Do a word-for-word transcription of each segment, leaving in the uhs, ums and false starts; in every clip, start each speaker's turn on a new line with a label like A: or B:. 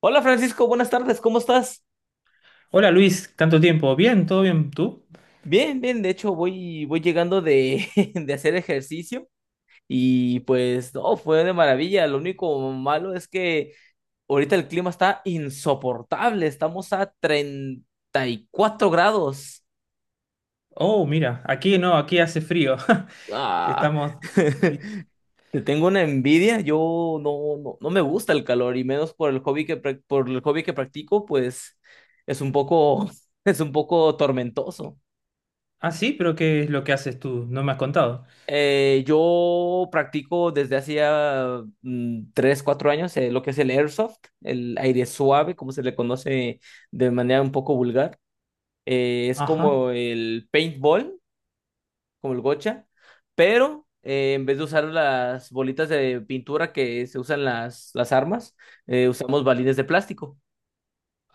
A: Hola Francisco, buenas tardes, ¿cómo estás?
B: Hola Luis, tanto tiempo. Bien, todo bien, ¿tú?
A: Bien, bien, de hecho voy, voy llegando de, de hacer ejercicio y pues no, fue de maravilla, lo único malo es que ahorita el clima está insoportable, estamos a treinta y cuatro grados.
B: Oh, mira, aquí no, aquí hace frío.
A: Ah,
B: Estamos... di-
A: te tengo una envidia, yo no, no, no me gusta el calor y menos por el hobby que, prac- por el hobby que practico, pues es un poco, es un poco tormentoso.
B: Ah, sí, pero ¿qué es lo que haces tú? No me has contado.
A: Eh, yo practico desde hacía mm, tres, cuatro años eh, lo que es el airsoft, el aire suave, como se le conoce de manera un poco vulgar. Eh, es
B: Ajá.
A: como el paintball, como el gocha, pero eh, en vez de usar las bolitas de pintura que se usan las, las armas, eh, usamos balines de plástico.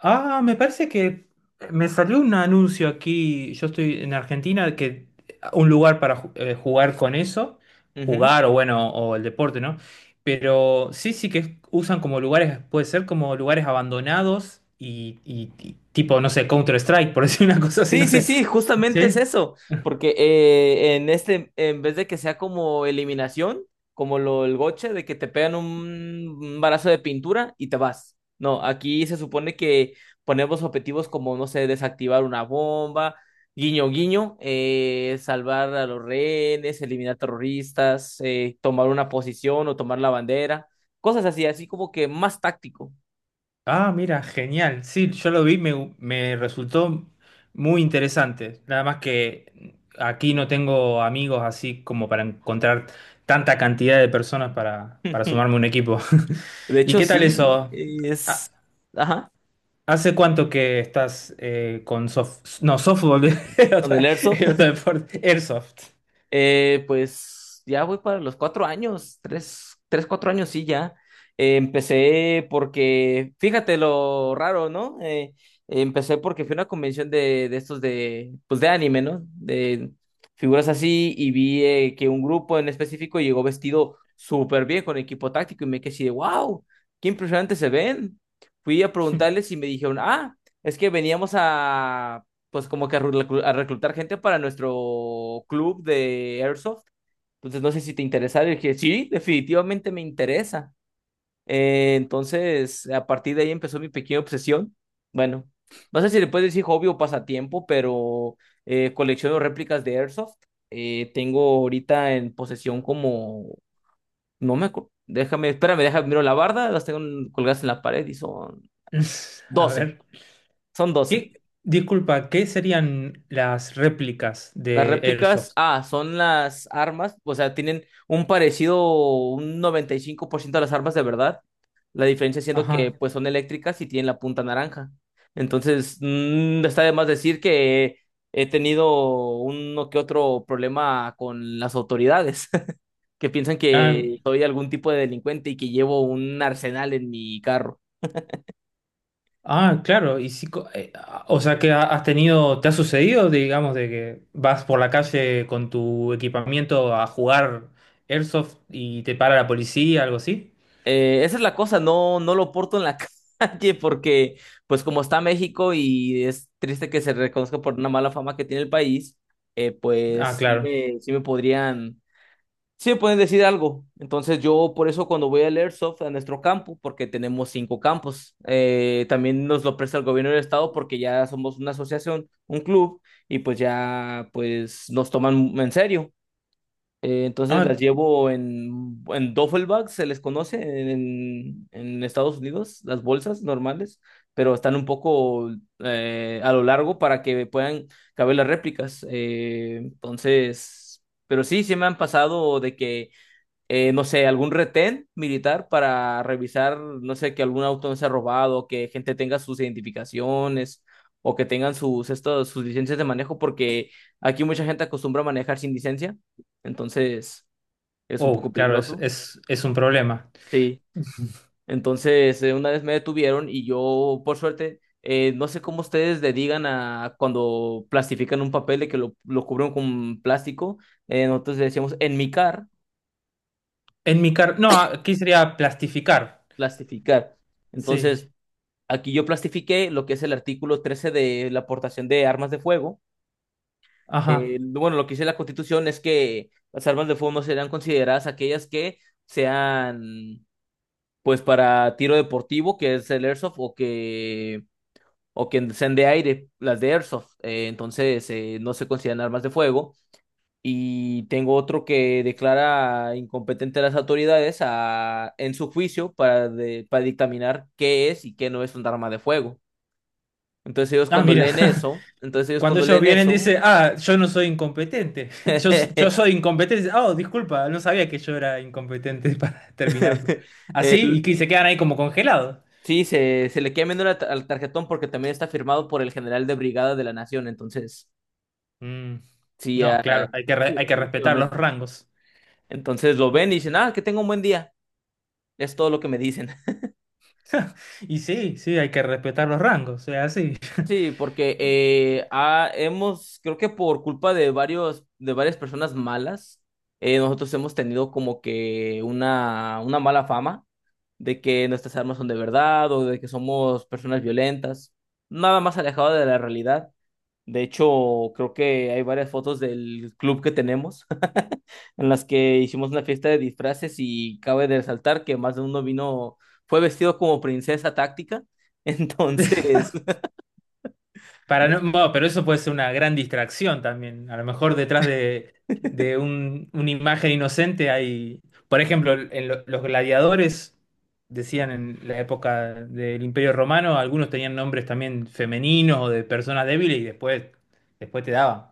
B: Ah, me parece que me salió un anuncio aquí, yo estoy en Argentina, que un lugar para ju- eh, jugar con eso,
A: Ujú.
B: jugar o bueno, o el deporte, ¿no? Pero sí, sí que usan como lugares, puede ser como lugares abandonados y, y- y tipo, no sé, Counter-Strike, por decir una cosa así, no
A: Sí, sí,
B: sé.
A: sí, justamente es
B: ¿Sí?
A: eso, porque eh, en este, en vez de que sea como eliminación, como lo el goche, de que te pegan un un balazo de pintura y te vas. No, aquí se supone que ponemos objetivos como, no sé, desactivar una bomba, guiño, guiño, eh, salvar a los rehenes, eliminar terroristas, eh, tomar una posición o tomar la bandera, cosas así, así como que más táctico.
B: Ah, mira, genial. Sí, yo lo vi, me, me resultó muy interesante. Nada más que aquí no tengo amigos así como para encontrar tanta cantidad de personas para, para sumarme a un equipo.
A: De
B: ¿Y
A: hecho,
B: qué tal
A: sí,
B: eso? Ha-
A: es... Ajá,
B: ¿Hace cuánto que estás eh, con soft... No, softball, el
A: con
B: otro,
A: el Airsoft.
B: el otro deporte, Airsoft.
A: Eh, pues ya voy para los cuatro años, tres, tres, cuatro años, sí, ya. Eh, empecé porque, fíjate lo raro, ¿no? Eh, empecé porque fui a una convención de, de estos de, pues de anime, ¿no? De figuras así y vi eh, que un grupo en específico llegó vestido súper bien con equipo táctico y me quedé así de, wow, qué impresionante se ven. Fui a preguntarles y me dijeron, ah, es que veníamos a pues como que a, reclu- a reclutar gente para nuestro club de Airsoft. Entonces no sé si te interesa. Le dije, sí, definitivamente me interesa. Eh, entonces, a partir de ahí empezó mi pequeña obsesión. Bueno, no sé si le puedes decir hobby o pasatiempo, pero eh, colecciono réplicas de Airsoft. Eh, tengo ahorita en posesión como, no me acuerdo, déjame, espérame, déjame, miro la barda, las tengo colgadas en la pared y son
B: A
A: doce,
B: ver.
A: son doce
B: ¿Qué, disculpa, ¿qué serían las réplicas
A: Las
B: de
A: réplicas,
B: Airsoft?
A: ah, son las armas, o sea, tienen un parecido, un noventa y cinco por ciento de las armas de verdad. La diferencia siendo que
B: Ajá.
A: pues son eléctricas y tienen la punta naranja. Entonces, mm, está de más decir que he tenido uno que otro problema con las autoridades, que piensan
B: Ah,
A: que soy algún tipo de delincuente y que llevo un arsenal en mi carro.
B: Ah, claro, y si, co- eh, ah, o sea que ha- has tenido, ¿te ha sucedido, digamos, de que vas por la calle con tu equipamiento a jugar Airsoft y te para la policía, algo así?
A: Eh, esa es la cosa, no, no lo porto en la calle porque, pues como está México y es triste que se reconozca por una mala fama que tiene el país, eh,
B: Ah,
A: pues sí
B: claro.
A: me, sí me podrían, sí me pueden decir algo. Entonces yo por eso cuando voy al Airsoft a nuestro campo, porque tenemos cinco campos, eh, también nos lo presta el gobierno del estado porque ya somos una asociación, un club, y pues ya pues nos toman en serio. Eh, entonces las
B: Ah,
A: llevo en, en duffel bag, se les conoce en, en Estados Unidos, las bolsas normales, pero están un poco eh, a lo largo para que puedan caber las réplicas. Eh, entonces, pero sí, sí me han pasado de que eh, no sé, algún retén militar para revisar, no sé, que algún auto no sea robado, que gente tenga sus identificaciones o que tengan sus, estos, sus licencias de manejo, porque aquí mucha gente acostumbra a manejar sin licencia, entonces es un
B: oh,
A: poco
B: claro, es,
A: peligroso.
B: es, es un problema.
A: Sí, entonces eh, una vez me detuvieron y yo, por suerte, eh, no sé cómo ustedes le digan a cuando plastifican un papel de que lo, lo cubren con plástico, eh, nosotros le decíamos enmicar,
B: En mi car, no, ah, aquí sería plastificar.
A: plastificar. Entonces,
B: Sí.
A: aquí yo plastifiqué lo que es el artículo trece de la aportación de armas de fuego. Eh,
B: Ajá.
A: bueno, lo que dice la Constitución es que las armas de fuego no serán consideradas aquellas que sean, pues, para tiro deportivo, que es el airsoft, o que, o que sean de aire, las de airsoft. Eh, entonces, eh, no se consideran armas de fuego. Y tengo otro que declara incompetente a las autoridades a- en su juicio para, de- para dictaminar qué es y qué no es un arma de fuego. Entonces ellos
B: Ah,
A: cuando
B: mira.
A: leen eso, entonces ellos
B: Cuando
A: cuando
B: ellos
A: leen
B: vienen,
A: eso,
B: dice, ah, yo no soy incompetente. Yo, yo soy incompetente. Dice, oh, disculpa, no sabía que yo era incompetente para terminarlo. Así, y que se quedan ahí como congelados.
A: sí, se, se le queda viendo la ta- al tarjetón porque también está firmado por el general de brigada de la nación, entonces,
B: Mm,
A: sí,
B: no,
A: ah,
B: claro, hay que, re-
A: sí,
B: hay que respetar los
A: definitivamente.
B: rangos.
A: Entonces lo ven y dicen, ah, que tenga un buen día, es todo lo que me dicen.
B: Y sí, sí, hay que respetar los rangos, es así.
A: Sí, porque eh, ha- hemos, creo que por culpa de varios, de varias personas malas, eh, nosotros hemos tenido como que una, una mala fama de que nuestras armas son de verdad o de que somos personas violentas, nada más alejado de la realidad. De hecho, creo que hay varias fotos del club que tenemos en las que hicimos una fiesta de disfraces y cabe de resaltar que más de uno vino, fue vestido como princesa táctica, entonces...
B: Para no, bueno, pero eso puede ser una gran distracción también. A lo mejor detrás de, de un- una imagen inocente hay, por ejemplo, en lo- los gladiadores, decían en la época del Imperio Romano, algunos tenían nombres también femeninos o de personas débiles y después, después te daban,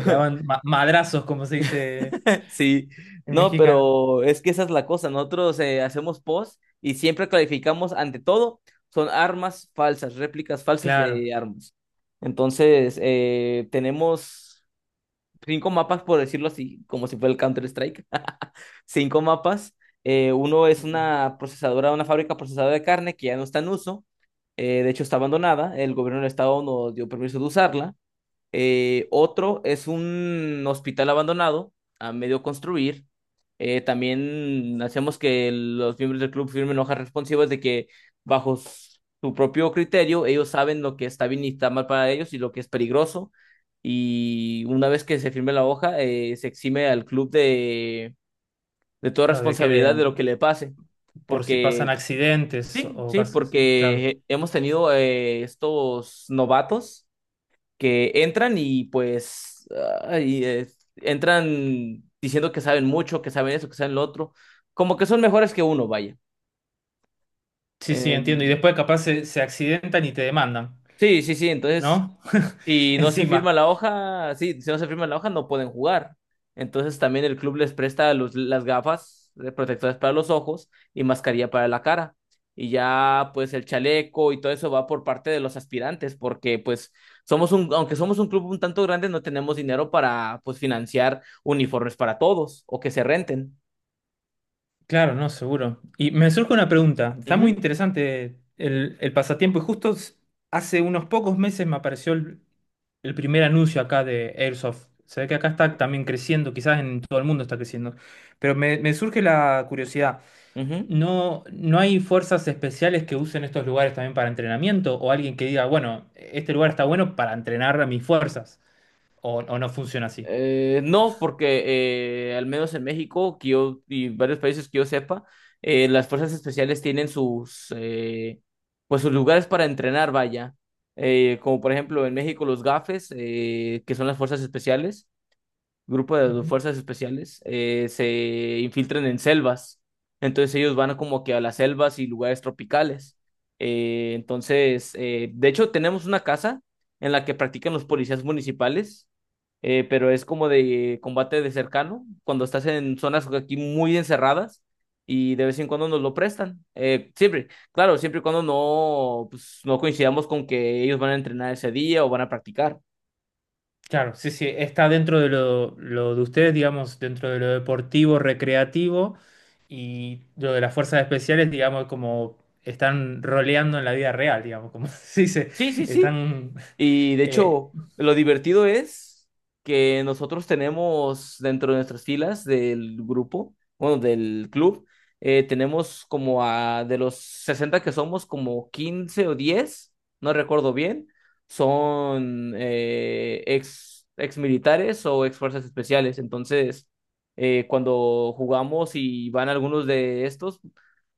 B: te daban ma- madrazos, como se dice
A: Sí,
B: en
A: no,
B: mexicano.
A: pero es que esa es la cosa. Nosotros eh, hacemos post y siempre clarificamos, ante todo, son armas falsas, réplicas falsas
B: Claro,
A: de armas. Entonces, eh, tenemos cinco mapas, por decirlo así, como si fuera el Counter-Strike. Cinco mapas. Eh, uno es
B: mira,
A: una procesadora, una fábrica procesadora de carne que ya no está en uso. Eh, de hecho, está abandonada. El gobierno del estado nos dio permiso de usarla. Eh, otro es un hospital abandonado a medio construir. Eh, también hacemos que los miembros del club firmen hojas responsivas de que bajo s- su propio criterio ellos saben lo que está bien y está mal para ellos y lo que es peligroso. Y una vez que se firme la hoja, eh, se exime al club de, de toda
B: claro, de que
A: responsabilidad
B: de-
A: de lo que le pase.
B: por si pasan
A: Porque,
B: accidentes
A: sí,
B: o
A: sí,
B: casos, claro.
A: porque hemos tenido eh, estos novatos que entran y pues ay, eh, entran diciendo que saben mucho, que saben eso, que saben lo otro, como que son mejores que uno, vaya.
B: Sí, sí,
A: Eh,
B: entiendo. Y después capaz se, se accidentan y te demandan.
A: sí, sí, sí, entonces
B: ¿No?
A: y no se firma
B: Encima.
A: la hoja, sí, si no se firma la hoja no pueden jugar. Entonces también el club les presta los- las gafas eh, protectoras para los ojos y mascarilla para la cara. Y ya pues el chaleco y todo eso va por parte de los aspirantes porque pues somos un, aunque somos un club un tanto grande, no tenemos dinero para pues financiar uniformes para todos o que se renten.
B: Claro, no, seguro. Y me surge una pregunta. Está muy
A: Ujú,
B: interesante el, el pasatiempo. Y justo s- hace unos pocos meses me apareció el, el primer anuncio acá de Airsoft. Se ve que acá está también creciendo, quizás en todo el mundo está creciendo. Pero me, me surge la curiosidad.
A: ujú.
B: ¿No, no hay fuerzas especiales que usen estos lugares también para entrenamiento? ¿O alguien que diga, bueno, este lugar está bueno para entrenar a mis fuerzas? ¿O, o no funciona así?
A: Eh, no, porque eh, al menos en México que yo- y varios países que yo sepa, eh, las fuerzas especiales tienen sus, eh, pues sus lugares para entrenar, vaya. Eh, como por ejemplo en México los GAFES, eh, que son las fuerzas especiales grupo de fuerzas especiales eh, se infiltran en selvas. Entonces ellos van como que a las selvas y lugares tropicales. Eh, entonces, eh, de hecho, tenemos una casa en la que practican los policías municipales, eh, pero es como de combate de cercano, cuando estás en zonas aquí muy encerradas y de vez en cuando nos lo prestan. Eh, siempre, claro, siempre y cuando no, pues, no coincidamos con que ellos van a entrenar ese día o van a practicar.
B: Claro, sí, sí, está dentro de lo, lo de ustedes, digamos, dentro de lo deportivo, recreativo y lo de las fuerzas especiales, digamos, como están roleando en la vida real, digamos, como se dice,
A: Sí, sí, sí.
B: están
A: Y de
B: eh,
A: hecho, lo divertido es que nosotros tenemos dentro de nuestras filas del grupo, bueno, del club, eh, tenemos como a de los sesenta que somos, como quince o diez, no recuerdo bien, son eh, ex, ex militares o ex fuerzas especiales. Entonces, eh, cuando jugamos y van algunos de estos,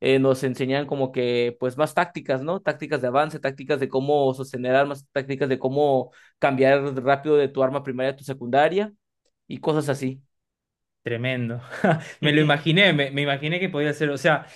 A: eh, nos enseñan como que, pues, más tácticas, ¿no? Tácticas de avance, tácticas de cómo sostener armas, tácticas de cómo cambiar rápido de tu arma primaria a tu secundaria y cosas así.
B: tremendo. Me lo imaginé, me, me imaginé que podía ser, o sea,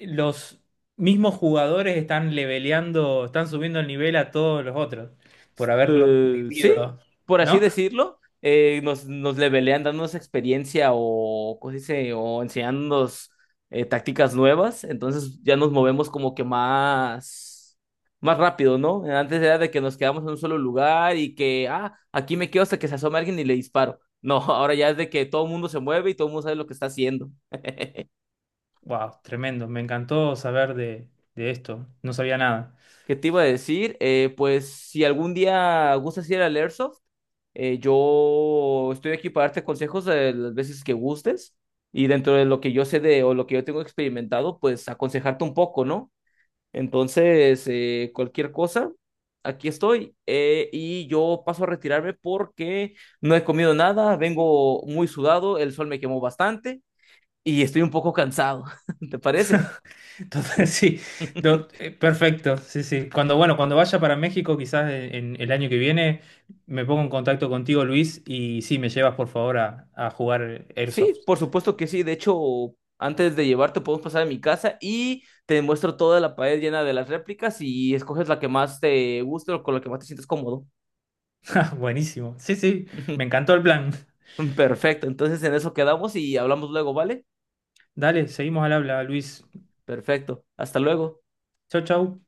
B: los mismos jugadores están leveleando, están subiendo el nivel a todos los otros por haberlo
A: Eh, sí,
B: vivido,
A: por así
B: ¿no?
A: decirlo, eh, nos, nos levelean dándonos experiencia o, ¿cómo se dice? O enseñándonos eh, tácticas nuevas, entonces ya nos movemos como que más, más rápido, ¿no? Antes era de que nos quedamos en un solo lugar y que, ah, aquí me quedo hasta que se asome alguien y le disparo. No, ahora ya es de que todo el mundo se mueve y todo el mundo sabe lo que está haciendo.
B: Wow, tremendo, me encantó saber de, de esto, no sabía nada.
A: ¿Qué te iba a decir? Eh, pues si algún día gustas ir al Airsoft, eh, yo estoy aquí para darte consejos de las veces que gustes y dentro de lo que yo sé de o lo que yo tengo experimentado, pues aconsejarte un poco, ¿no? Entonces, eh, cualquier cosa, aquí estoy eh, y yo paso a retirarme porque no he comido nada, vengo muy sudado, el sol me quemó bastante y estoy un poco cansado. ¿Te parece?
B: Entonces, sí, do- eh, perfecto, sí, sí. Cuando, bueno, cuando vaya para México, quizás en, en el año que viene, me pongo en contacto contigo, Luis, y sí, me llevas por favor a, a jugar
A: Sí,
B: Airsoft.
A: por supuesto que sí. De hecho, antes de llevarte podemos pasar a mi casa y te muestro toda la pared llena de las réplicas y escoges la que más te guste o con la que más te sientes cómodo.
B: Buenísimo. Sí, sí, me encantó el plan.
A: Perfecto, entonces en eso quedamos y hablamos luego, ¿vale?
B: Dale, seguimos al habla, Luis.
A: Perfecto, hasta luego.
B: Chau, chau.